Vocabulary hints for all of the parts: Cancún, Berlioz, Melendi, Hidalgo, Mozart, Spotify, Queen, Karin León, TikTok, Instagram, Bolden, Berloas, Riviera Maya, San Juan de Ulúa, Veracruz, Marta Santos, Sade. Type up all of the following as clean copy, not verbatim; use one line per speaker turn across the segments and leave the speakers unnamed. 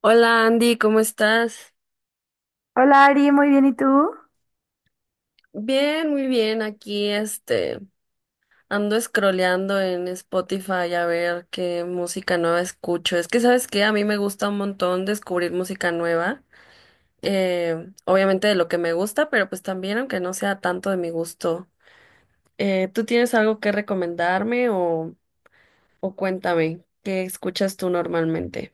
Hola Andy, ¿cómo estás?
Hola Ari, muy bien, ¿y tú?
Bien, muy bien. Aquí ando scrolleando en Spotify a ver qué música nueva escucho. Es que sabes que a mí me gusta un montón descubrir música nueva. Obviamente de lo que me gusta, pero pues también aunque no sea tanto de mi gusto. ¿Tú tienes algo que recomendarme o cuéntame qué escuchas tú normalmente?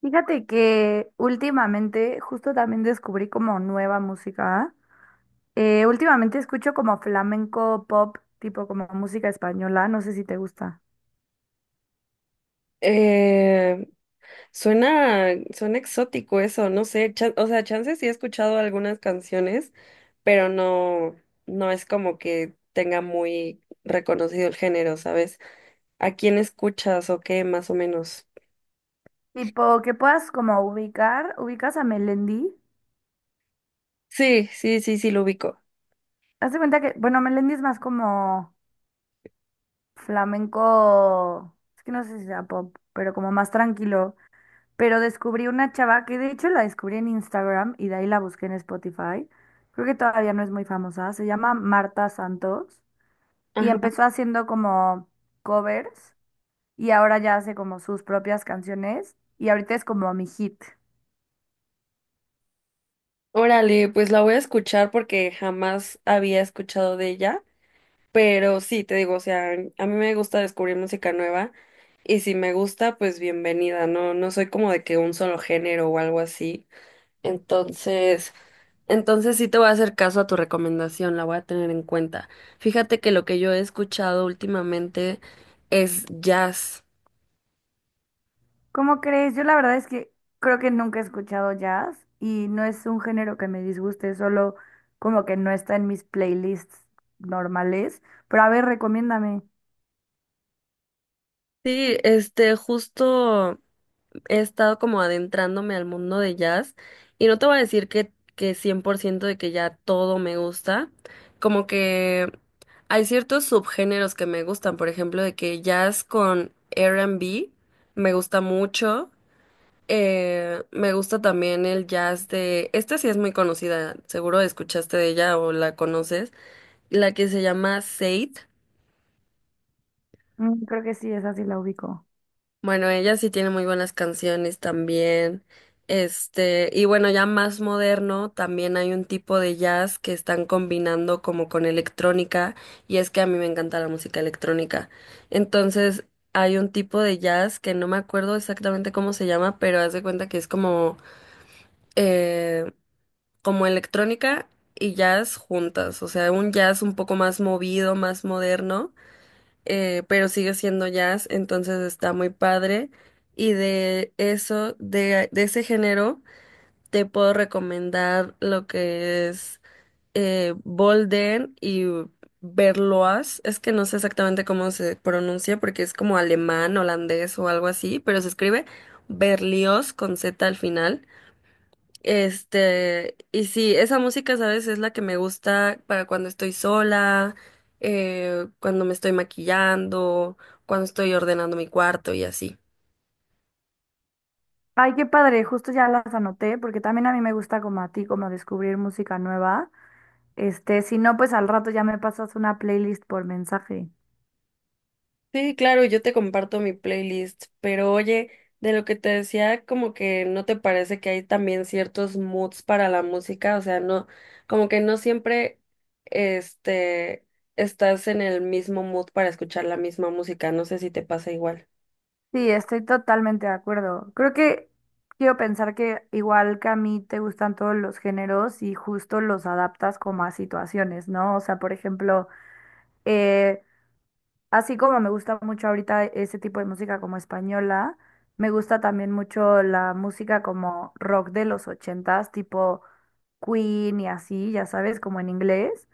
Fíjate que últimamente justo también descubrí como nueva música. Últimamente escucho como flamenco pop, tipo como música española, no sé si te gusta.
Eh, suena exótico eso, no sé, o sea, chance sí he escuchado algunas canciones, pero no, no es como que tenga muy reconocido el género, ¿sabes? ¿A quién escuchas o qué, más o menos?
Tipo que puedas como ubicas a Melendi.
Sí, sí, sí, sí, lo ubico.
Hazte cuenta que, bueno, Melendi es más como flamenco, es que no sé si sea pop, pero como más tranquilo. Pero descubrí una chava que de hecho la descubrí en Instagram y de ahí la busqué en Spotify. Creo que todavía no es muy famosa. Se llama Marta Santos y
Ajá.
empezó haciendo como covers y ahora ya hace como sus propias canciones y ahorita es como mi hit.
Órale, pues la voy a escuchar porque jamás había escuchado de ella, pero sí, te digo, o sea, a mí me gusta descubrir música nueva y si me gusta, pues bienvenida, no, no soy como de que un solo género o algo así. Entonces, entonces, sí te voy a hacer caso a tu recomendación, la voy a tener en cuenta. Fíjate que lo que yo he escuchado últimamente es jazz.
¿Cómo crees? Yo la verdad es que creo que nunca he escuchado jazz y no es un género que me disguste, solo como que no está en mis playlists normales. Pero a ver, recomiéndame.
Sí, justo he estado como adentrándome al mundo de jazz y no te voy a decir que 100% de que ya todo me gusta, como que hay ciertos subgéneros que me gustan, por ejemplo, de que jazz con R&B me gusta mucho. Me gusta también el jazz de... Esta sí es muy conocida, seguro escuchaste de ella o la conoces, la que se llama Sade.
Mm, creo que sí, esa sí la ubico.
Bueno, ella sí tiene muy buenas canciones también. Y bueno, ya más moderno, también hay un tipo de jazz que están combinando como con electrónica, y es que a mí me encanta la música electrónica. Entonces, hay un tipo de jazz que no me acuerdo exactamente cómo se llama, pero haz de cuenta que es como... eh, como electrónica y jazz juntas, o sea, un jazz un poco más movido, más moderno, pero sigue siendo jazz, entonces está muy padre. Y de eso, de ese género, te puedo recomendar lo que es Bolden y Berloas. Es que no sé exactamente cómo se pronuncia porque es como alemán, holandés o algo así, pero se escribe Berlioz con Z al final. Y sí, esa música, ¿sabes? Es la que me gusta para cuando estoy sola, cuando me estoy maquillando, cuando estoy ordenando mi cuarto y así.
Ay, qué padre, justo ya las anoté, porque también a mí me gusta como a ti, como descubrir música nueva. Este, si no, pues al rato ya me pasas una playlist por mensaje.
Sí, claro, yo te comparto mi playlist, pero oye, de lo que te decía, como que no te parece que hay también ciertos moods para la música, o sea, no, como que no siempre, este, estás en el mismo mood para escuchar la misma música, no sé si te pasa igual.
Sí, estoy totalmente de acuerdo. Creo que quiero pensar que igual que a mí te gustan todos los géneros y justo los adaptas como a situaciones, ¿no? O sea, por ejemplo, eh, así como me gusta mucho ahorita ese tipo de música como española, me gusta también mucho la música como rock de los 80s, tipo Queen y así, ya sabes, como en inglés.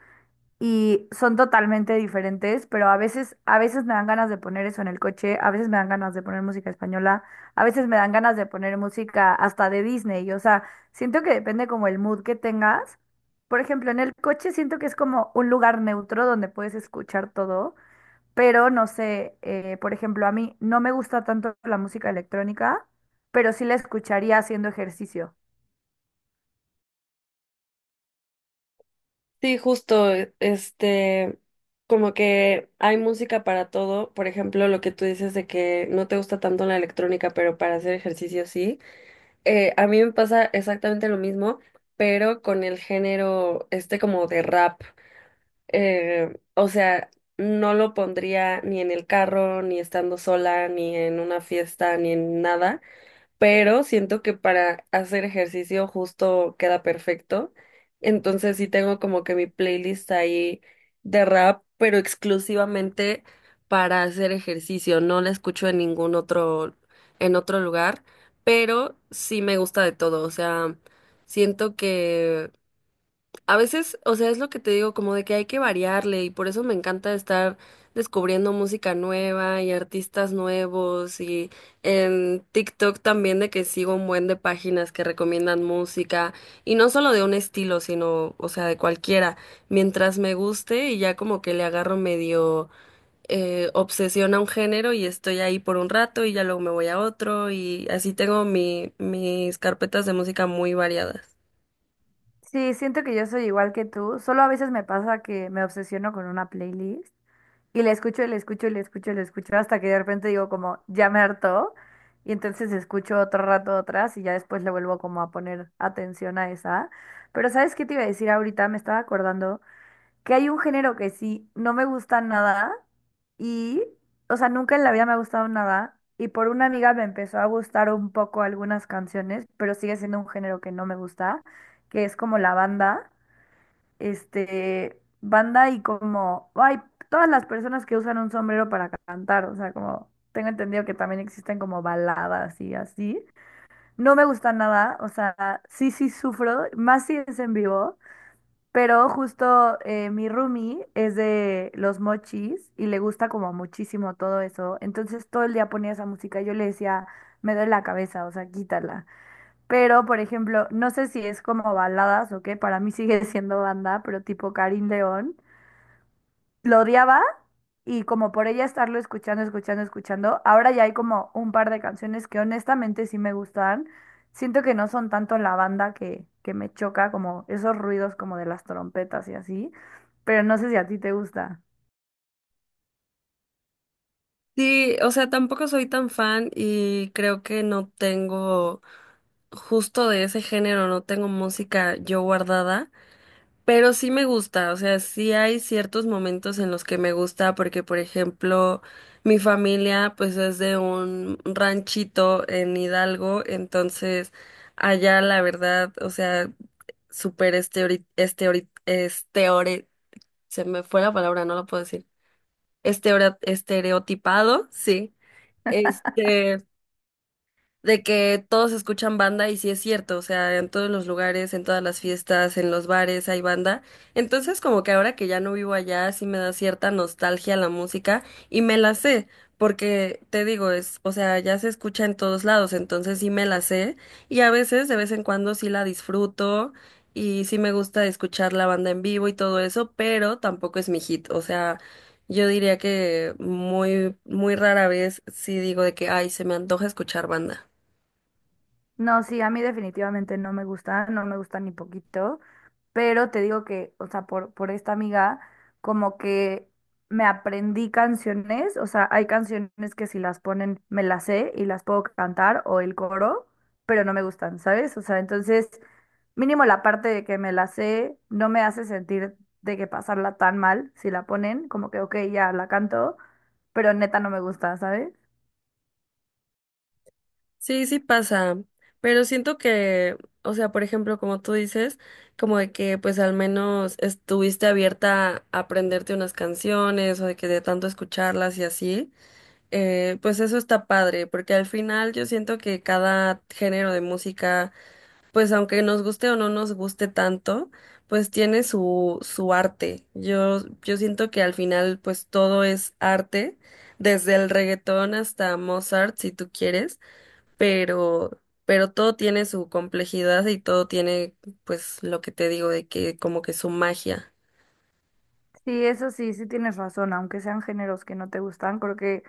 Y son totalmente diferentes, pero a veces me dan ganas de poner eso en el coche, a veces me dan ganas de poner música española, a veces me dan ganas de poner música hasta de Disney. O sea, siento que depende como el mood que tengas. Por ejemplo, en el coche siento que es como un lugar neutro donde puedes escuchar todo, pero no sé, por ejemplo, a mí no me gusta tanto la música electrónica, pero sí la escucharía haciendo ejercicio.
Sí, justo, como que hay música para todo, por ejemplo, lo que tú dices de que no te gusta tanto la electrónica, pero para hacer ejercicio sí. A mí me pasa exactamente lo mismo, pero con el género este como de rap. O sea, no lo pondría ni en el carro, ni estando sola, ni en una fiesta, ni en nada, pero siento que para hacer ejercicio justo queda perfecto. Entonces sí tengo como que mi playlist ahí de rap, pero exclusivamente para hacer ejercicio. No la escucho en ningún en otro lugar, pero sí me gusta de todo. O sea, siento que a veces, o sea, es lo que te digo, como de que hay que variarle y por eso me encanta estar descubriendo música nueva y artistas nuevos y en TikTok también de que sigo un buen de páginas que recomiendan música y no solo de un estilo, sino, o sea, de cualquiera, mientras me guste y ya como que le agarro medio obsesión a un género y estoy ahí por un rato y ya luego me voy a otro y así tengo mis carpetas de música muy variadas.
Sí, siento que yo soy igual que tú, solo a veces me pasa que me obsesiono con una playlist y la escucho y la escucho y la escucho y la escucho hasta que de repente digo como, ya me hartó, y entonces escucho otro rato otras y ya después le vuelvo como a poner atención a esa. Pero ¿sabes qué te iba a decir ahorita? Me estaba acordando. Que hay un género que sí, no me gusta nada y, o sea, nunca en la vida me ha gustado nada y por una amiga me empezó a gustar un poco algunas canciones, pero sigue siendo un género que no me gusta, que es como la banda, este, banda y como, ay, todas las personas que usan un sombrero para cantar, o sea, como tengo entendido que también existen como baladas y así, no me gusta nada, o sea, sí, sí sufro, más si es en vivo. Pero justo mi roomie es de los mochis y le gusta como muchísimo todo eso. Entonces todo el día ponía esa música y yo le decía, me duele la cabeza, o sea, quítala. Pero, por ejemplo, no sé si es como baladas o qué, para mí sigue siendo banda, pero tipo Karin León, lo odiaba, y como por ella estarlo escuchando, ahora ya hay como un par de canciones que honestamente sí me gustan. Siento que no son tanto la banda que me choca, como esos ruidos como de las trompetas y así, pero no sé si a ti te gusta.
Sí, o sea, tampoco soy tan fan y creo que no tengo justo de ese género, no tengo música yo guardada, pero sí me gusta, o sea, sí hay ciertos momentos en los que me gusta porque, por ejemplo, mi familia pues es de un ranchito en Hidalgo, entonces allá la verdad, o sea, súper este, se me fue la palabra, no lo puedo decir, estereotipado, sí. Este, de que todos escuchan banda y sí es cierto, o sea, en todos los lugares, en todas las fiestas, en los bares hay banda. Entonces, como que ahora que ya no vivo allá, sí me da cierta nostalgia la música y me la sé, porque te digo, es, o sea, ya se escucha en todos lados, entonces sí me la sé y a veces, de vez en cuando sí la disfruto y sí me gusta escuchar la banda en vivo y todo eso, pero tampoco es mi hit, o sea, yo diría que muy, muy rara vez sí digo de que, ay, se me antoja escuchar banda.
No, sí, a mí definitivamente no me gusta, no me gusta ni poquito, pero te digo que, o sea, por esta amiga, como que me aprendí canciones, o sea, hay canciones que si las ponen me las sé y las puedo cantar o el coro, pero no me gustan, ¿sabes? O sea, entonces, mínimo la parte de que me la sé no me hace sentir de que pasarla tan mal si la ponen, como que, ok, ya la canto, pero neta no me gusta, ¿sabes?
Sí, sí pasa, pero siento que, o sea, por ejemplo, como tú dices, como de que pues al menos estuviste abierta a aprenderte unas canciones o de que de tanto escucharlas y así, pues eso está padre, porque al final yo siento que cada género de música, pues aunque nos guste o no nos guste tanto, pues tiene su arte. Yo siento que al final pues todo es arte, desde el reggaetón hasta Mozart, si tú quieres, pero, pero todo tiene su complejidad y todo tiene, pues, lo que te digo de que como que su magia.
Sí, eso sí, sí tienes razón, aunque sean géneros que no te gustan, creo que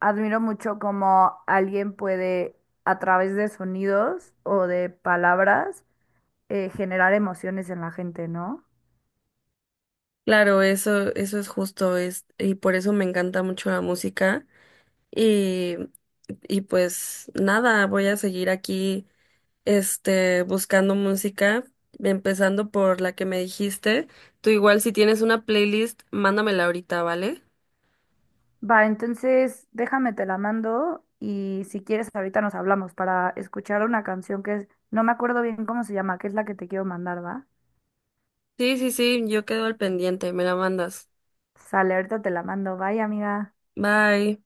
admiro mucho cómo alguien puede, a través de sonidos o de palabras, generar emociones en la gente, ¿no?
Claro, eso es justo, es, y por eso me encanta mucho la música. Y, y pues nada, voy a seguir aquí, buscando música, empezando por la que me dijiste. Tú igual si tienes una playlist, mándamela ahorita, ¿vale?
Va, entonces déjame, te la mando y si quieres ahorita nos hablamos para escuchar una canción que es, no me acuerdo bien cómo se llama, que es la que te quiero mandar, ¿va?
Sí, sí, sí, yo quedo al pendiente, me la mandas.
Sale, ahorita te la mando, bye amiga.
Bye.